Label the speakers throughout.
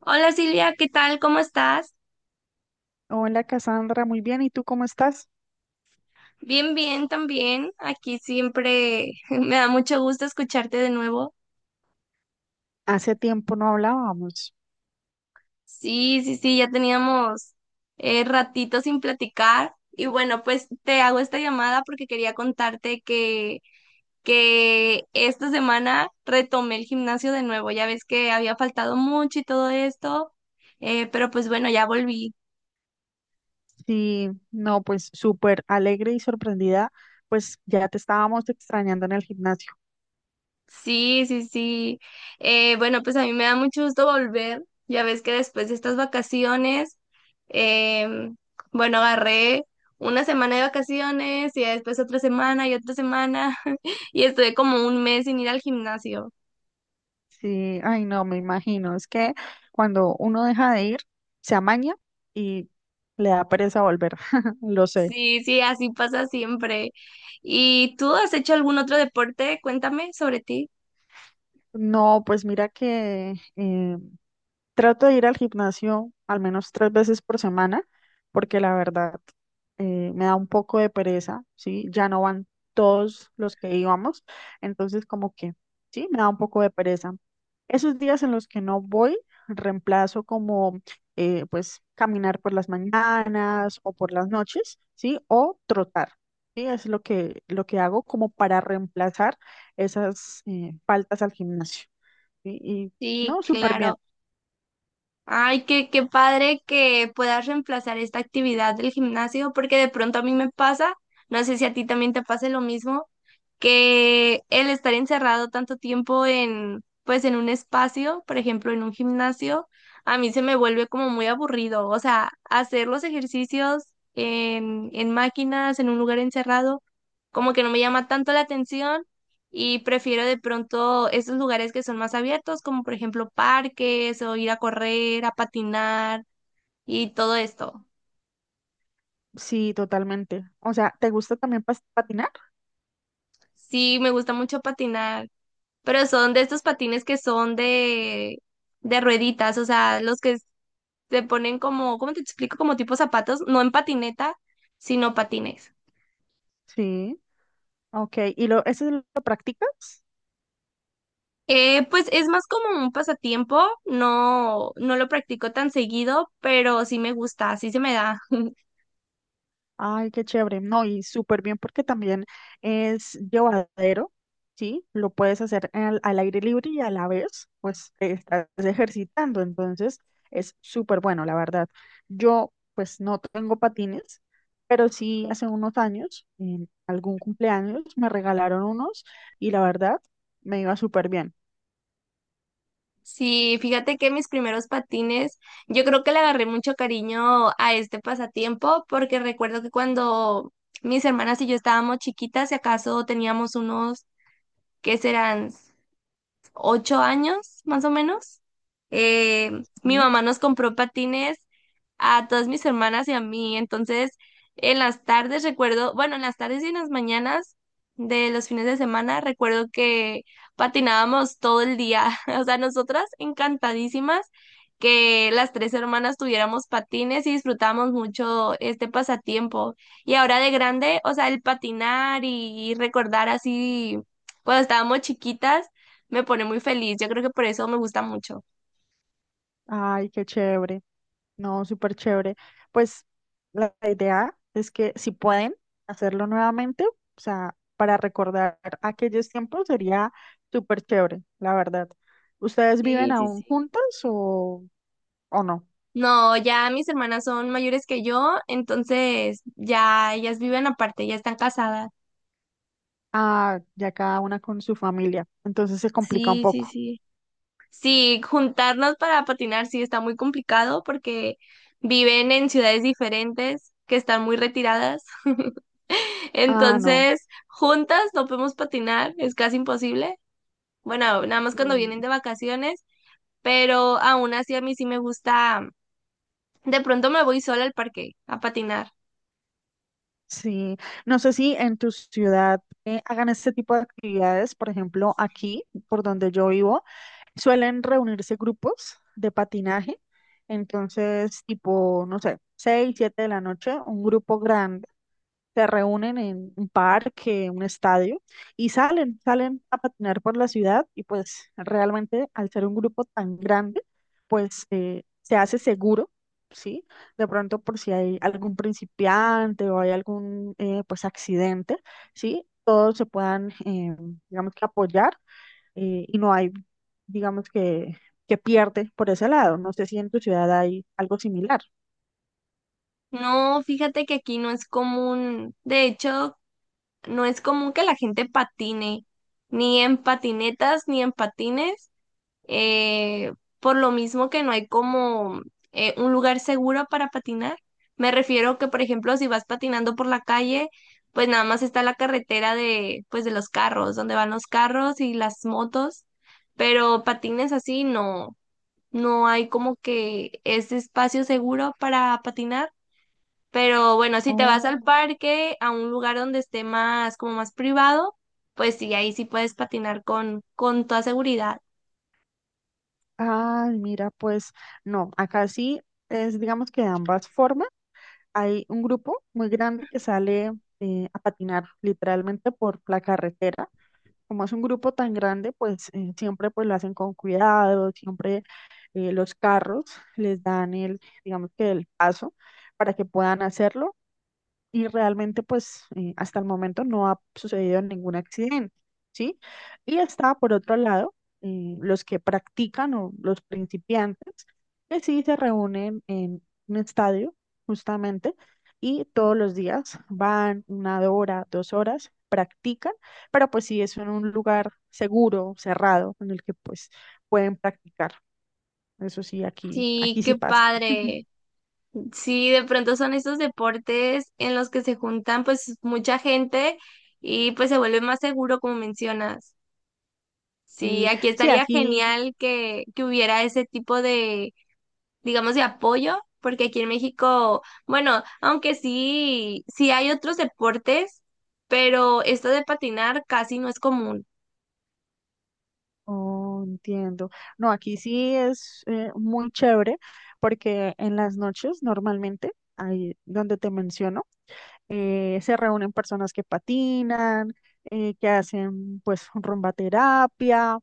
Speaker 1: Hola Silvia, ¿qué tal? ¿Cómo estás?
Speaker 2: Hola Cassandra, muy bien. ¿Y tú cómo estás?
Speaker 1: Bien, bien también. Aquí siempre me da mucho gusto escucharte de nuevo.
Speaker 2: Hace tiempo no hablábamos.
Speaker 1: Sí, sí, sí, ya teníamos ratito sin platicar. Y bueno, pues te hago esta llamada porque quería contarte que esta semana retomé el gimnasio de nuevo. Ya ves que había faltado mucho y todo esto, pero pues bueno, ya volví.
Speaker 2: Sí, no, pues súper alegre y sorprendida, pues ya te estábamos extrañando en el gimnasio.
Speaker 1: Sí, sí, sí. Bueno, pues a mí me da mucho gusto volver. Ya ves que después de estas vacaciones, em, bueno, agarré una semana de vacaciones y ya después otra semana y otra semana y estuve como un mes sin ir al gimnasio.
Speaker 2: Sí, ay no, me imagino. Es que cuando uno deja de ir, se amaña y le da pereza volver, lo sé.
Speaker 1: Sí, sí, así pasa siempre. ¿Y tú has hecho algún otro deporte? Cuéntame sobre ti.
Speaker 2: No, pues mira que trato de ir al gimnasio al menos 3 veces por semana, porque la verdad me da un poco de pereza, ¿sí? Ya no van todos los que íbamos, entonces como que, sí, me da un poco de pereza. Esos días en los que no voy, reemplazo como pues, caminar por las mañanas o por las noches, ¿sí? O trotar, ¿sí? Es lo que hago como para reemplazar esas faltas al gimnasio, ¿sí? Y,
Speaker 1: Sí,
Speaker 2: no, súper bien.
Speaker 1: claro. Ay, qué padre que puedas reemplazar esta actividad del gimnasio, porque de pronto a mí me pasa, no sé si a ti también te pase lo mismo, que el estar encerrado tanto tiempo pues en un espacio, por ejemplo, en un gimnasio, a mí se me vuelve como muy aburrido. O sea, hacer los ejercicios en máquinas, en un lugar encerrado, como que no me llama tanto la atención y prefiero de pronto esos lugares que son más abiertos, como por ejemplo parques o ir a correr, a patinar y todo esto.
Speaker 2: Sí, totalmente. O sea, ¿te gusta también patinar?
Speaker 1: Sí, me gusta mucho patinar, pero son de estos patines que son de rueditas, o sea, los que se ponen como, ¿cómo te explico? Como tipo zapatos, no en patineta, sino patines.
Speaker 2: Sí. Ok, ¿y eso lo practicas?
Speaker 1: Pues es más como un pasatiempo, no, no lo practico tan seguido, pero sí me gusta, sí se me da.
Speaker 2: Ay, qué chévere. No, y súper bien porque también es llevadero, ¿sí? Lo puedes hacer al aire libre y a la vez, pues te estás ejercitando. Entonces, es súper bueno, la verdad. Yo, pues, no tengo patines, pero sí hace unos años, en algún cumpleaños, me regalaron unos y la verdad, me iba súper bien.
Speaker 1: Sí, fíjate que mis primeros patines, yo creo que le agarré mucho cariño a este pasatiempo porque recuerdo que cuando mis hermanas y yo estábamos chiquitas, si acaso teníamos unos, ¿qué serán? 8 años, más o menos. Eh, Mi
Speaker 2: Ujú.
Speaker 1: mamá nos compró patines a todas mis hermanas y a mí. Entonces, en las tardes recuerdo, bueno, en las tardes y en las mañanas de los fines de semana, recuerdo que patinábamos todo el día. O sea, nosotras encantadísimas que las tres hermanas tuviéramos patines y disfrutábamos mucho este pasatiempo. Y ahora de grande, o sea, el patinar y recordar así cuando estábamos chiquitas me pone muy feliz. Yo creo que por eso me gusta mucho.
Speaker 2: Ay, qué chévere. No, súper chévere. Pues la idea es que si pueden hacerlo nuevamente, o sea, para recordar aquellos tiempos sería súper chévere, la verdad. ¿Ustedes viven
Speaker 1: Sí, sí,
Speaker 2: aún
Speaker 1: sí.
Speaker 2: juntas o no?
Speaker 1: No, ya mis hermanas son mayores que yo, entonces ya ellas viven aparte, ya están casadas.
Speaker 2: Ah, ya cada una con su familia, entonces se complica un
Speaker 1: Sí, sí,
Speaker 2: poco.
Speaker 1: sí. Sí, juntarnos para patinar sí está muy complicado porque viven en ciudades diferentes que están muy retiradas.
Speaker 2: Ah, no.
Speaker 1: Entonces, juntas no podemos patinar, es casi imposible. Bueno, nada más cuando vienen
Speaker 2: Mm.
Speaker 1: de vacaciones, pero aún así a mí sí me gusta. De pronto me voy sola al parque a patinar.
Speaker 2: Sí, no sé si en tu ciudad hagan este tipo de actividades, por ejemplo, aquí, por donde yo vivo. Suelen reunirse grupos de patinaje, entonces tipo, no sé, 6 7 de la noche, un grupo grande, se reúnen en un parque, un estadio y salen a patinar por la ciudad y pues realmente al ser un grupo tan grande, pues se hace seguro, ¿sí? De pronto por si hay algún principiante o hay algún pues accidente, ¿sí? Todos se puedan digamos que apoyar y no hay, digamos que, que pierde por ese lado. No sé si en tu ciudad hay algo similar.
Speaker 1: No, fíjate que aquí no es común, de hecho, no es común que la gente patine, ni en patinetas, ni en patines, eh, por lo mismo que no hay como un lugar seguro para patinar. Me refiero que, por ejemplo, si vas patinando por la calle, pues nada más está la carretera pues de los carros, donde van los carros y las motos, pero patines así no. No hay como que ese espacio seguro para patinar. Pero bueno, si te vas al
Speaker 2: Oh,
Speaker 1: parque, a un lugar donde esté más, como más privado, pues sí, ahí sí puedes patinar con toda seguridad.
Speaker 2: ah, mira, pues no, acá sí es, digamos que de ambas formas. Hay un grupo muy grande que sale a patinar literalmente por la carretera. Como es un grupo tan grande, pues siempre pues lo hacen con cuidado, siempre los carros les dan digamos que el paso para que puedan hacerlo y realmente pues hasta el momento no ha sucedido ningún accidente, ¿sí? Y está por otro lado los que practican o los principiantes que sí se reúnen en un estadio justamente y todos los días van 1 hora, 2 horas, practican, pero pues sí es en un lugar seguro, cerrado, en el que pues pueden practicar. Eso sí,
Speaker 1: Sí,
Speaker 2: aquí sí
Speaker 1: qué
Speaker 2: pasa.
Speaker 1: padre. Sí, de pronto son estos deportes en los que se juntan pues mucha gente y pues se vuelve más seguro, como mencionas. Sí,
Speaker 2: Sí,
Speaker 1: aquí
Speaker 2: sí,
Speaker 1: estaría
Speaker 2: aquí.
Speaker 1: genial que hubiera ese tipo de digamos, de apoyo, porque aquí en México, bueno, aunque sí, sí hay otros deportes, pero esto de patinar casi no es común.
Speaker 2: Oh, entiendo. No, aquí sí es muy chévere porque en las noches normalmente, ahí donde te menciono, se reúnen personas que patinan, que hacen pues rumba terapia,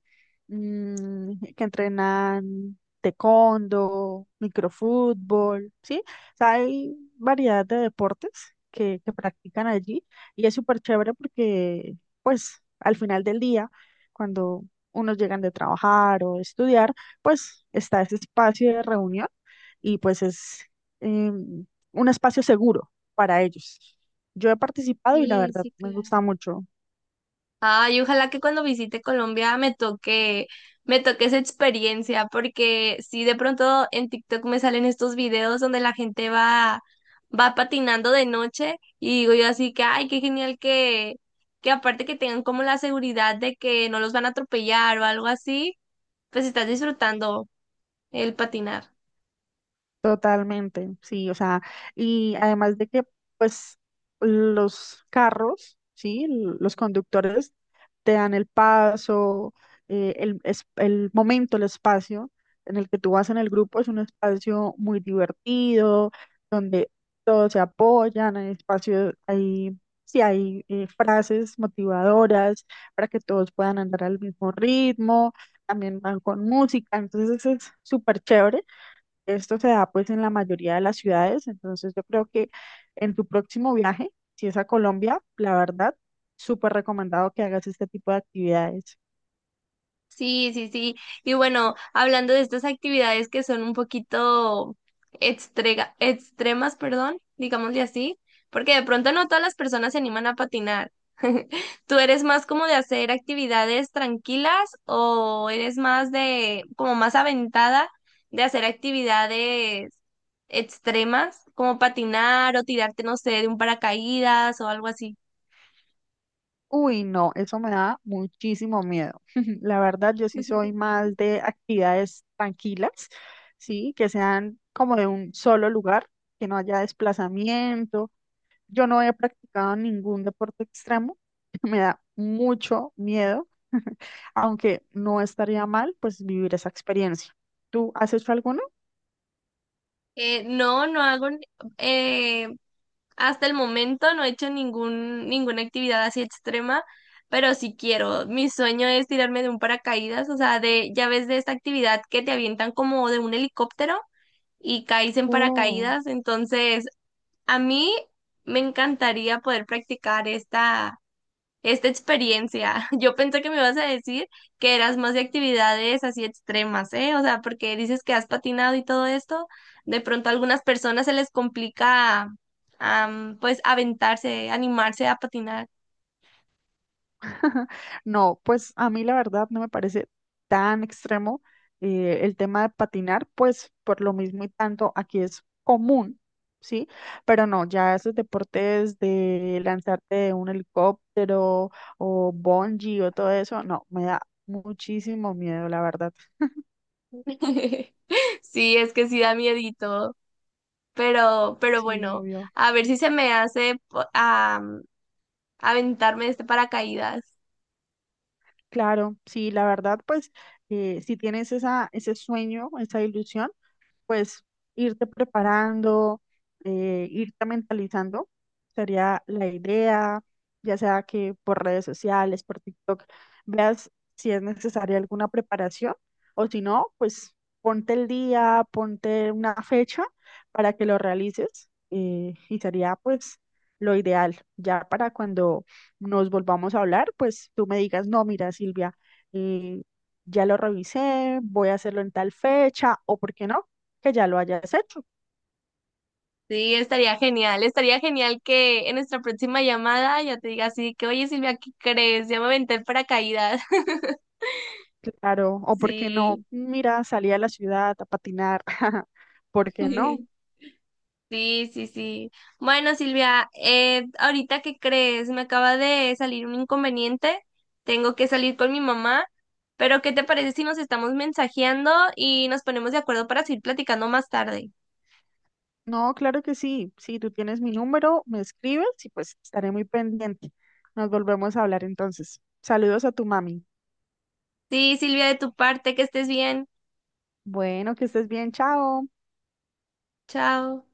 Speaker 2: mm, que entrenan taekwondo, microfútbol, ¿sí? O sea, hay variedad de deportes que practican allí y es súper chévere porque pues al final del día, cuando unos llegan de trabajar o de estudiar, pues está ese espacio de reunión y pues es em, un espacio seguro para ellos. Yo he participado y la
Speaker 1: Sí,
Speaker 2: verdad
Speaker 1: sí,
Speaker 2: me gusta
Speaker 1: claro.
Speaker 2: mucho.
Speaker 1: Ay, ojalá que cuando visite Colombia me toque esa experiencia, porque si de pronto en TikTok me salen estos videos donde la gente va patinando de noche y digo yo así que, ay, qué genial que aparte que tengan como la seguridad de que no los van a atropellar o algo así, pues estás disfrutando el patinar.
Speaker 2: Totalmente, sí, o sea, y además de que, pues, los carros, sí, los conductores te dan el paso, el momento, el espacio en el que tú vas en el grupo es un espacio muy divertido, donde todos se apoyan, hay espacio, sí, hay frases motivadoras para que todos puedan andar al mismo ritmo, también van con música, entonces es súper chévere. Esto se da pues en la mayoría de las ciudades, entonces yo creo que en tu próximo viaje, si es a Colombia, la verdad, súper recomendado que hagas este tipo de actividades.
Speaker 1: Sí, sí, sí. Y bueno, hablando de estas actividades que son un poquito extremas, perdón, digámosle así, porque de pronto no todas las personas se animan a patinar. ¿Tú eres más como de hacer actividades tranquilas o eres más de, como más aventada de hacer actividades extremas, como patinar o tirarte, no sé, de un paracaídas o algo así?
Speaker 2: Uy, no, eso me da muchísimo miedo. La verdad, yo sí soy más de actividades tranquilas, sí, que sean como de un solo lugar, que no haya desplazamiento. Yo no he practicado ningún deporte extremo, me da mucho miedo, aunque no estaría mal pues vivir esa experiencia. ¿Tú has hecho alguno?
Speaker 1: No, no hago, eh, hasta el momento no he hecho ninguna actividad así extrema, pero sí quiero. Mi sueño es tirarme de un paracaídas, o sea, ya ves de esta actividad que te avientan como de un helicóptero y caes en
Speaker 2: Oh.
Speaker 1: paracaídas, entonces a mí me encantaría poder practicar esta experiencia. Yo pensé que me ibas a decir que eras más de actividades así extremas, ¿eh? O sea, porque dices que has patinado y todo esto, de pronto a algunas personas se les complica, pues, aventarse, animarse a patinar.
Speaker 2: No, pues a mí la verdad no me parece tan extremo el tema de patinar, pues por lo mismo y tanto aquí es común, ¿sí? Pero no, ya esos deportes de lanzarte de un helicóptero o bungee o todo eso, no, me da muchísimo miedo, la verdad.
Speaker 1: Sí, es que sí da miedito, pero
Speaker 2: Sí,
Speaker 1: bueno,
Speaker 2: obvio.
Speaker 1: a ver si se me hace aventarme de este paracaídas.
Speaker 2: Claro, sí, la verdad, pues si tienes ese sueño, esa ilusión, pues irte preparando, irte mentalizando, sería la idea, ya sea que por redes sociales, por TikTok, veas si es necesaria alguna preparación o si no, pues ponte el día, ponte una fecha para que lo realices y sería pues lo ideal, ya para cuando nos volvamos a hablar, pues tú me digas, no, mira, Silvia, eh, ya lo revisé, voy a hacerlo en tal fecha, o por qué no, que ya lo hayas hecho,
Speaker 1: Sí, estaría genial que en nuestra próxima llamada ya te diga así que, oye Silvia, ¿qué crees? Ya me aventé el paracaídas.
Speaker 2: claro, o por qué no,
Speaker 1: Sí,
Speaker 2: mira, salí a la ciudad a patinar, ¿por qué no?
Speaker 1: sí, sí, sí. Bueno, Silvia, ahorita ¿qué crees? Me acaba de salir un inconveniente, tengo que salir con mi mamá, pero ¿qué te parece si nos estamos mensajeando y nos ponemos de acuerdo para seguir platicando más tarde?
Speaker 2: No, claro que sí, si tú tienes mi número, me escribes y pues estaré muy pendiente. Nos volvemos a hablar entonces. Saludos a tu mami.
Speaker 1: Sí, Silvia, de tu parte, que estés bien.
Speaker 2: Bueno, que estés bien, chao.
Speaker 1: Chao.